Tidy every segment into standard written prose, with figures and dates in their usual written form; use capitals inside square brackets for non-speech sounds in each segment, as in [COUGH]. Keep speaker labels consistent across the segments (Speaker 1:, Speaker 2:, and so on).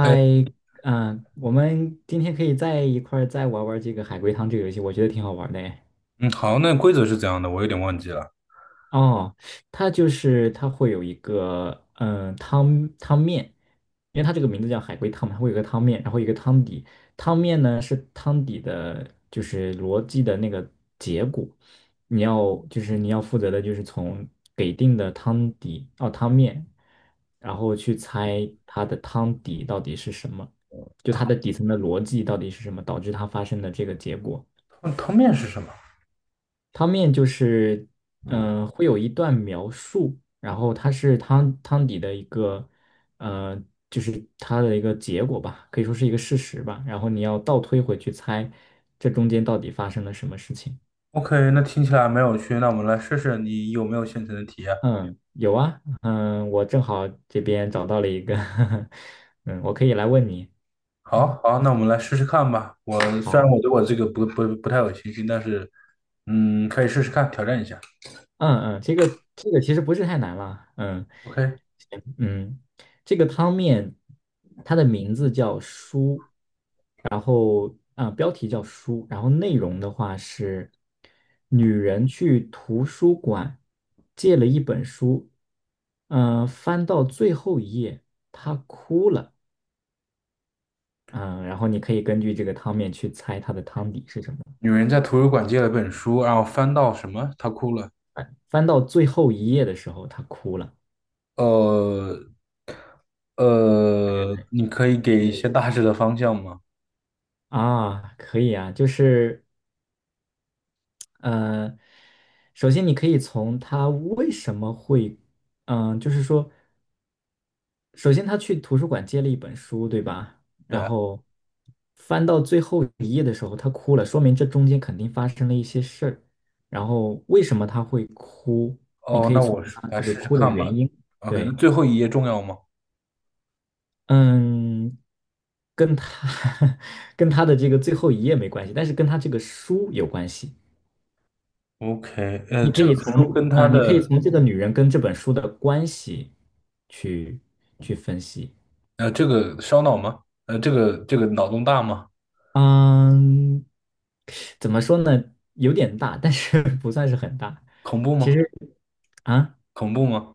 Speaker 1: 哎，
Speaker 2: 我们今天可以在一块儿再玩玩这个海龟汤这个游戏，我觉得挺好玩的诶。
Speaker 1: 嗯，好，那规则是怎样的？我有点忘记了。
Speaker 2: 哦，它就是它会有一个汤面，因为它这个名字叫海龟汤嘛，它会有一个汤面，然后一个汤底。汤面呢是汤底的，就是逻辑的那个结果。你要负责的就是从给定的汤底哦汤面，然后去猜它的汤底到底是什么，就它的底层的逻辑到底是什么，导致它发生的这个结果。
Speaker 1: 嗯，汤面是什么
Speaker 2: 汤面就是，会有一段描述，然后它是汤底的一个，呃，就是它的一个结果吧，可以说是一个事实吧。然后你要倒推回去猜，这中间到底发生了什么事情？
Speaker 1: ？OK，那听起来没有趣，那我们来试试你有没有现成的题啊？
Speaker 2: 嗯，有啊，我正好这边找到了一个 [LAUGHS] 嗯，我可以来问你。
Speaker 1: 好
Speaker 2: 嗯，
Speaker 1: 好，那我们来试试看吧。我虽然我
Speaker 2: 好
Speaker 1: 对我这个不太有信心，但是嗯，可以试试看，挑战一下。
Speaker 2: 啊，这个其实不是太难了，
Speaker 1: OK，
Speaker 2: 嗯，这个汤面它的名字叫“书”。啊，标题叫书，然后内容的话是女人去图书馆借了一本书，翻到最后一页，她哭了，嗯、然后你可以根据这个汤面去猜它的汤底是什么。
Speaker 1: 女人在图书馆借了本书，然后翻到什么？她哭了。
Speaker 2: 翻到最后一页的时候，她哭了。
Speaker 1: 呃你可以给一些大致的方向吗？
Speaker 2: 啊，可以啊，就是呃，首先你可以从她为什么会，就是说。首先他去图书馆借了一本书，对吧？
Speaker 1: 对
Speaker 2: 然
Speaker 1: 啊
Speaker 2: 后翻到最后一页的时候，他哭了，说明这中间肯定发生了一些事儿。然后为什么他会哭？你
Speaker 1: 哦，
Speaker 2: 可以
Speaker 1: 那
Speaker 2: 从
Speaker 1: 我试
Speaker 2: 他
Speaker 1: 来
Speaker 2: 这个
Speaker 1: 试试
Speaker 2: 哭的
Speaker 1: 看吧。
Speaker 2: 原因，
Speaker 1: OK，那
Speaker 2: 对，
Speaker 1: 最后一页重要吗
Speaker 2: 嗯，跟他 [LAUGHS] 跟他的这个最后一页没关系，但是跟他这个书有关系。
Speaker 1: ？OK，
Speaker 2: 你可
Speaker 1: 这个
Speaker 2: 以从
Speaker 1: 书跟它
Speaker 2: 你可以
Speaker 1: 的
Speaker 2: 从这个女人跟这本书的关系去去分析。
Speaker 1: 这个烧脑吗？呃，这个脑洞大吗？
Speaker 2: 嗯，怎么说呢？有点大，但是 [LAUGHS] 不算是很大。
Speaker 1: 恐怖
Speaker 2: 其
Speaker 1: 吗？
Speaker 2: 实啊，
Speaker 1: 恐怖吗？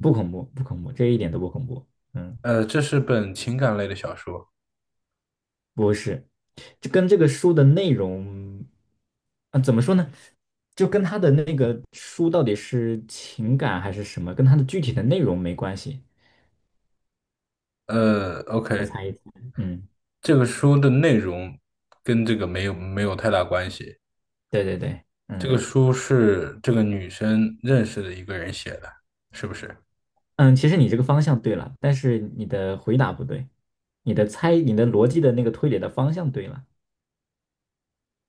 Speaker 2: 不恐怖，不恐怖，这一点都不恐怖。嗯，
Speaker 1: 呃，这是本情感类的小说。
Speaker 2: 不是，就跟这个书的内容，啊，怎么说呢？就跟他的那个书到底是情感还是什么，跟他的具体的内容没关系。
Speaker 1: 呃，OK，
Speaker 2: 嗯，
Speaker 1: 这个书的内容跟这个没有太大关系。
Speaker 2: 对对对，
Speaker 1: 这个书是这个女生认识的一个人写的，是不是？
Speaker 2: 嗯，其实你这个方向对了，但是你的回答不对，你的逻辑的那个推理的方向对了。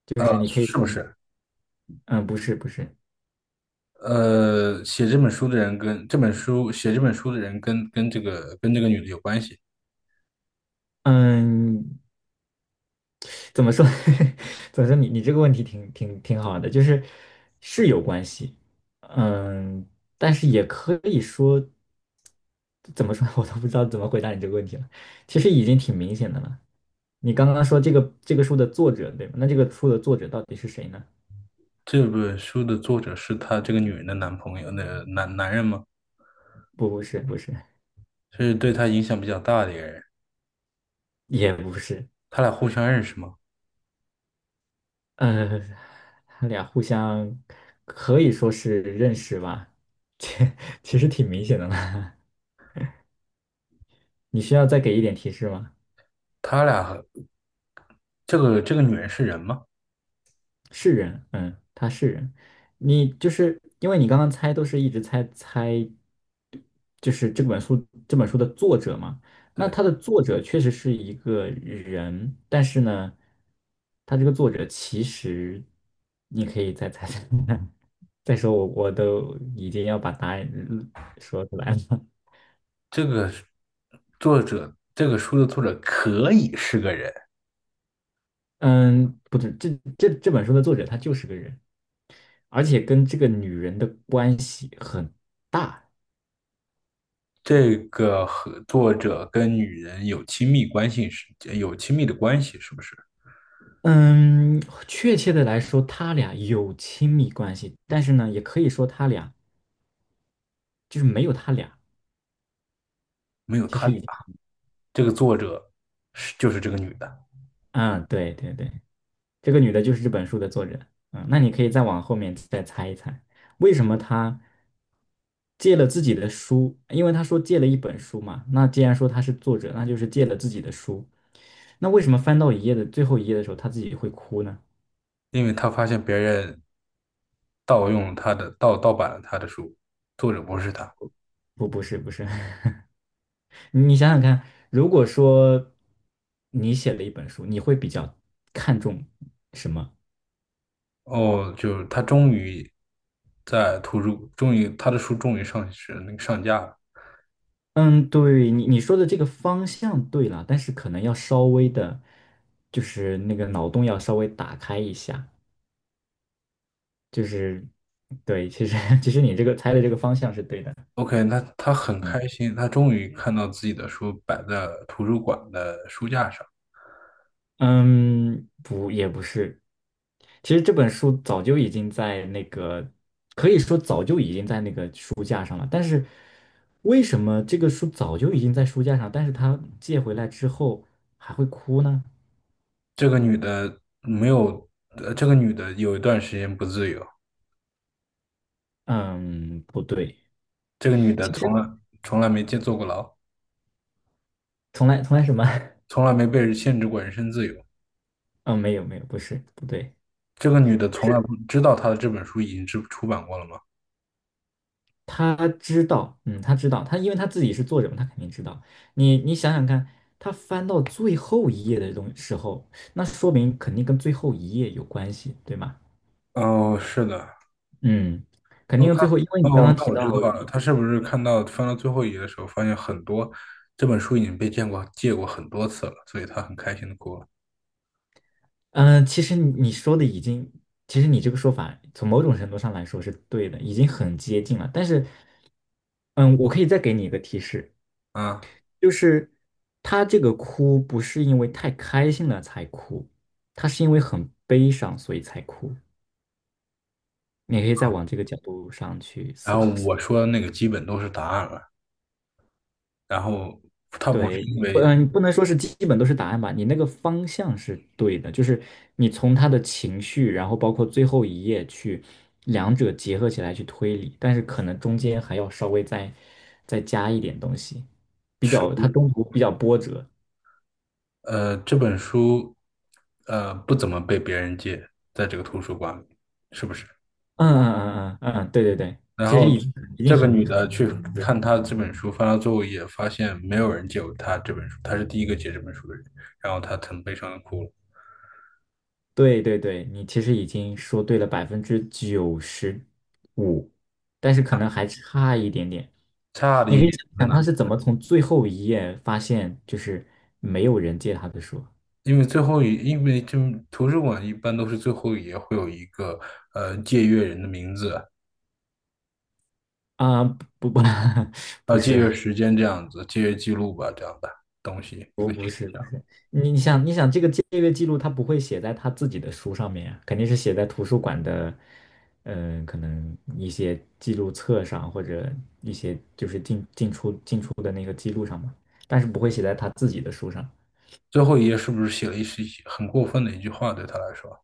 Speaker 2: 就
Speaker 1: 呃，
Speaker 2: 是你可以
Speaker 1: 是不
Speaker 2: 从
Speaker 1: 是？
Speaker 2: 嗯，不是不是，
Speaker 1: 呃，写这本书的人跟这个女的有关系。
Speaker 2: 嗯，怎么说？[LAUGHS] 怎么说你？你这个问题挺好的，就是是有关系，嗯，但是也可以说怎么说，[LAUGHS] 我都不知道怎么回答你这个问题了。其实已经挺明显的了。你刚刚说这个书的作者对吗？那这个书的作者到底是谁呢？
Speaker 1: 这本书的作者是她这个女人的男朋友，那男人吗？
Speaker 2: 不，不是，不是，
Speaker 1: 是对她影响比较大的一个人。
Speaker 2: 也不是，
Speaker 1: 他俩互相认识吗？
Speaker 2: 呃，他俩互相可以说是认识吧，[LAUGHS] 其其实挺明显的了。[LAUGHS] 你需要再给一点提示吗？
Speaker 1: 他俩和这个女人是人吗？
Speaker 2: 是人，他是人。你就是因为你刚刚猜都是一直猜猜，就是这本书的作者嘛。那
Speaker 1: 对，
Speaker 2: 他的作者确实是一个人，但是呢，他这个作者其实你可以再猜猜看 [LAUGHS] 再说我都已经要把答案说出来了。
Speaker 1: 这个作者这个书的作者可以是个人。
Speaker 2: 嗯，不是，这本书的作者他就是个人，而且跟这个女人的关系很大。
Speaker 1: 这个和作者跟女人有亲密关系是有亲密的关系，是不是？
Speaker 2: 嗯，确切的来说，他俩有亲密关系，但是呢，也可以说他俩就是没有他俩，
Speaker 1: 没有
Speaker 2: 其
Speaker 1: 他
Speaker 2: 实
Speaker 1: 俩，
Speaker 2: 已经很
Speaker 1: 这个作者是就是这个女的，
Speaker 2: 嗯，对对对，这个女的就是这本书的作者，那你可以再往后面再猜一猜，为什么她借了自己的书？因为她说借了一本书嘛，那既然说她是作者，那就是借了自己的书，那为什么翻到一页的最后一页的时候，她自己会哭呢？
Speaker 1: 因为她发现别人盗版了她的书，作者不是她。
Speaker 2: 不，不是，不是，[LAUGHS] 你想想看，如果说你写了一本书，你会比较看重什么？
Speaker 1: 哦，就是她终于在图书，终于她的书终于上市那个上架了。
Speaker 2: 嗯，对，你说的这个方向对了，但是可能要稍微的，就是那个脑洞要稍微打开一下，就是对，其实 [LAUGHS] 其实你这个猜的这个方向是对的。
Speaker 1: OK，那她很
Speaker 2: 嗯。
Speaker 1: 开心，她终于看到自己的书摆在图书馆的书架上。
Speaker 2: 嗯，不，也不是。其实这本书早就已经在那个，可以说早就已经在那个书架上了。但是为什么这个书早就已经在书架上，但是他借回来之后还会哭呢？
Speaker 1: 这个女的没有，呃，这个女的有一段时间不自由，
Speaker 2: 嗯，不对，
Speaker 1: 这个女的
Speaker 2: 其
Speaker 1: 从
Speaker 2: 实
Speaker 1: 来从来没见坐过牢，
Speaker 2: 从来什么？[LAUGHS]
Speaker 1: 从来没被人限制过人身自由。
Speaker 2: 嗯，没有没有，不是，不对。
Speaker 1: 这个女的从来不知道她的这本书已经出版过了吗？
Speaker 2: 他知道，他知道，他因为他自己是作者嘛，他肯定知道。你想想看，他翻到最后一页的东时候，那说明肯定跟最后一页有关系，对吗？
Speaker 1: 哦，是的，
Speaker 2: 嗯，肯
Speaker 1: 哦，
Speaker 2: 定
Speaker 1: 她，
Speaker 2: 最后，因为你刚
Speaker 1: 哦，
Speaker 2: 刚
Speaker 1: 那
Speaker 2: 提
Speaker 1: 我
Speaker 2: 到
Speaker 1: 知道了，她是不是看到翻到最后一页的时候，发现很多这本书已经被借过很多次了，所以她很开心的哭了
Speaker 2: 其实你说的已经，其实你这个说法从某种程度上来说是对的，已经很接近了。但是，嗯，我可以再给你一个提示，
Speaker 1: 啊。
Speaker 2: 就是他这个哭不是因为太开心了才哭，他是因为很悲伤所以才哭。你可以再往这个角度上去
Speaker 1: 然
Speaker 2: 思
Speaker 1: 后
Speaker 2: 考思
Speaker 1: 我
Speaker 2: 考。
Speaker 1: 说的那个基本都是答案了，然后她不是
Speaker 2: 对，
Speaker 1: 因
Speaker 2: 你不，
Speaker 1: 为
Speaker 2: 嗯，不能说是基本都是答案吧，你那个方向是对的，就是你从他的情绪，然后包括最后一页去两者结合起来去推理，但是可能中间还要稍微再加一点东西，比
Speaker 1: 是不
Speaker 2: 较它
Speaker 1: 是。
Speaker 2: 中途比较波折。
Speaker 1: 呃，这本书呃不怎么被别人借，在这个图书馆里，是不是？
Speaker 2: 嗯嗯嗯嗯嗯，对对对，
Speaker 1: 然
Speaker 2: 其实
Speaker 1: 后
Speaker 2: 已经
Speaker 1: 这个
Speaker 2: 很。
Speaker 1: 女的去看
Speaker 2: 很
Speaker 1: 她这本书，翻到最后一页，发现没有人借过她这本书，她是第一个借这本书的人，然后她很悲伤的哭了。
Speaker 2: 对对对，你其实已经说对了95%，但是可能还差一点点。
Speaker 1: 差的
Speaker 2: 你
Speaker 1: 一
Speaker 2: 可以
Speaker 1: 点
Speaker 2: 想
Speaker 1: 在
Speaker 2: 想
Speaker 1: 哪？
Speaker 2: 他是怎么从最后一页发现就是没有人借他的书。
Speaker 1: 因为最后一，因为这图书馆一般都是最后一页会有一个呃借阅人的名字，
Speaker 2: 啊、不不 [LAUGHS] 不
Speaker 1: 啊，借阅
Speaker 2: 是，
Speaker 1: 时间这样子，借阅记录吧这样的东西，一
Speaker 2: 不
Speaker 1: 个信
Speaker 2: 不
Speaker 1: 息
Speaker 2: 是
Speaker 1: 这
Speaker 2: 不
Speaker 1: 样。
Speaker 2: 是，你想这个借阅记录，他不会写在他自己的书上面呀，肯定是写在图书馆的，可能一些记录册上或者一些就是进进出进出的那个记录上嘛，但是不会写在他自己的书上。
Speaker 1: 最后一页是不是写了一些很过分的一句话对她来说？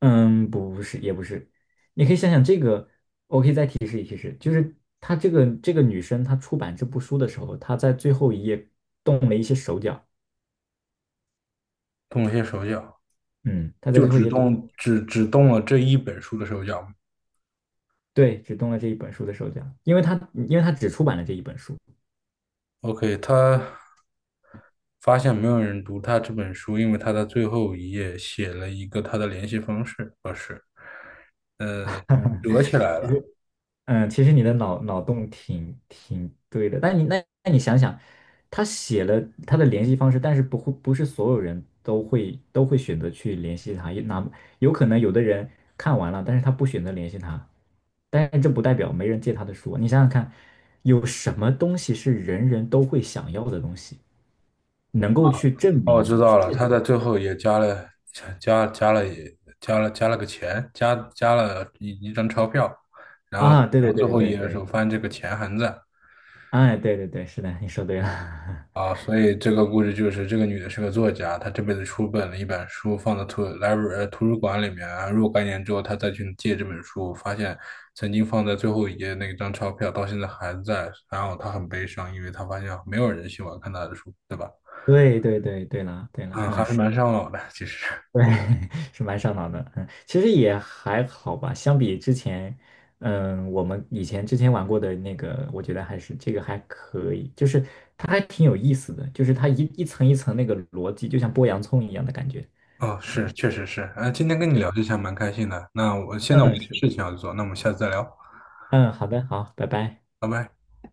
Speaker 2: 嗯，不是也不是，你可以想想这个，我可以再提示一提示，就是她这个女生她出版这部书的时候，她在最后一页动了一些手脚，
Speaker 1: 动了些手脚，
Speaker 2: 嗯，她在
Speaker 1: 就
Speaker 2: 最后一
Speaker 1: 只
Speaker 2: 页动。
Speaker 1: 动只只动了这一本书的手脚。
Speaker 2: 对，只动了这一本书的手脚，因为他只出版了这一本书
Speaker 1: OK，他发现没有人读他这本书，因为他在最后一页写了一个他的联系方式，不是呃
Speaker 2: [LAUGHS]。嗯，
Speaker 1: 折起来
Speaker 2: 其
Speaker 1: 了。
Speaker 2: 实其实你的脑洞挺对的，但你那你想想，他写了他的联系方式，但是不是所有人都会选择去联系他，也哪有可能有的人看完了，但是他不选择联系他，但是这不代表没人借他的书。你想想看，有什么东西是人人都会想要的东西，能够去证
Speaker 1: 哦，我
Speaker 2: 明
Speaker 1: 知道了，他在最后也加了加加了也加了加了个钱，加了一张钞票，然后到
Speaker 2: 啊？对对
Speaker 1: 最
Speaker 2: 对
Speaker 1: 后一
Speaker 2: 对对
Speaker 1: 页的时候
Speaker 2: 对
Speaker 1: 发现这个钱还在。
Speaker 2: 哎，对对对，是的，你说对了，
Speaker 1: 啊，所以这个故事就是这个女的是个作家，她这辈子出了一本书，放在图 l i 呃图书馆里面啊。然后若干年之后，她再去借这本书，发现曾经放在最后一页那张钞票到现在还在，然后她很悲伤，因为她发现没有人喜欢看她的书，对吧？
Speaker 2: [LAUGHS] 对对对对了对了，
Speaker 1: 啊，还
Speaker 2: 嗯，
Speaker 1: 是
Speaker 2: 是，
Speaker 1: 蛮伤脑的，其实。
Speaker 2: 对，[LAUGHS] 是蛮上脑的，其实也还好吧，相比之前，我们之前玩过的那个，我觉得还是这个还可以，就是它还挺有意思的，就是它一层一层那个逻辑，就像剥洋葱一样的感觉，
Speaker 1: 哦，是，确实是。啊，今天跟你聊这些还蛮开心的。那我现在我有
Speaker 2: 嗯，
Speaker 1: 点
Speaker 2: 是，
Speaker 1: 事情要做，那我们下次再聊，
Speaker 2: 嗯，好的，好，拜拜。
Speaker 1: 拜拜。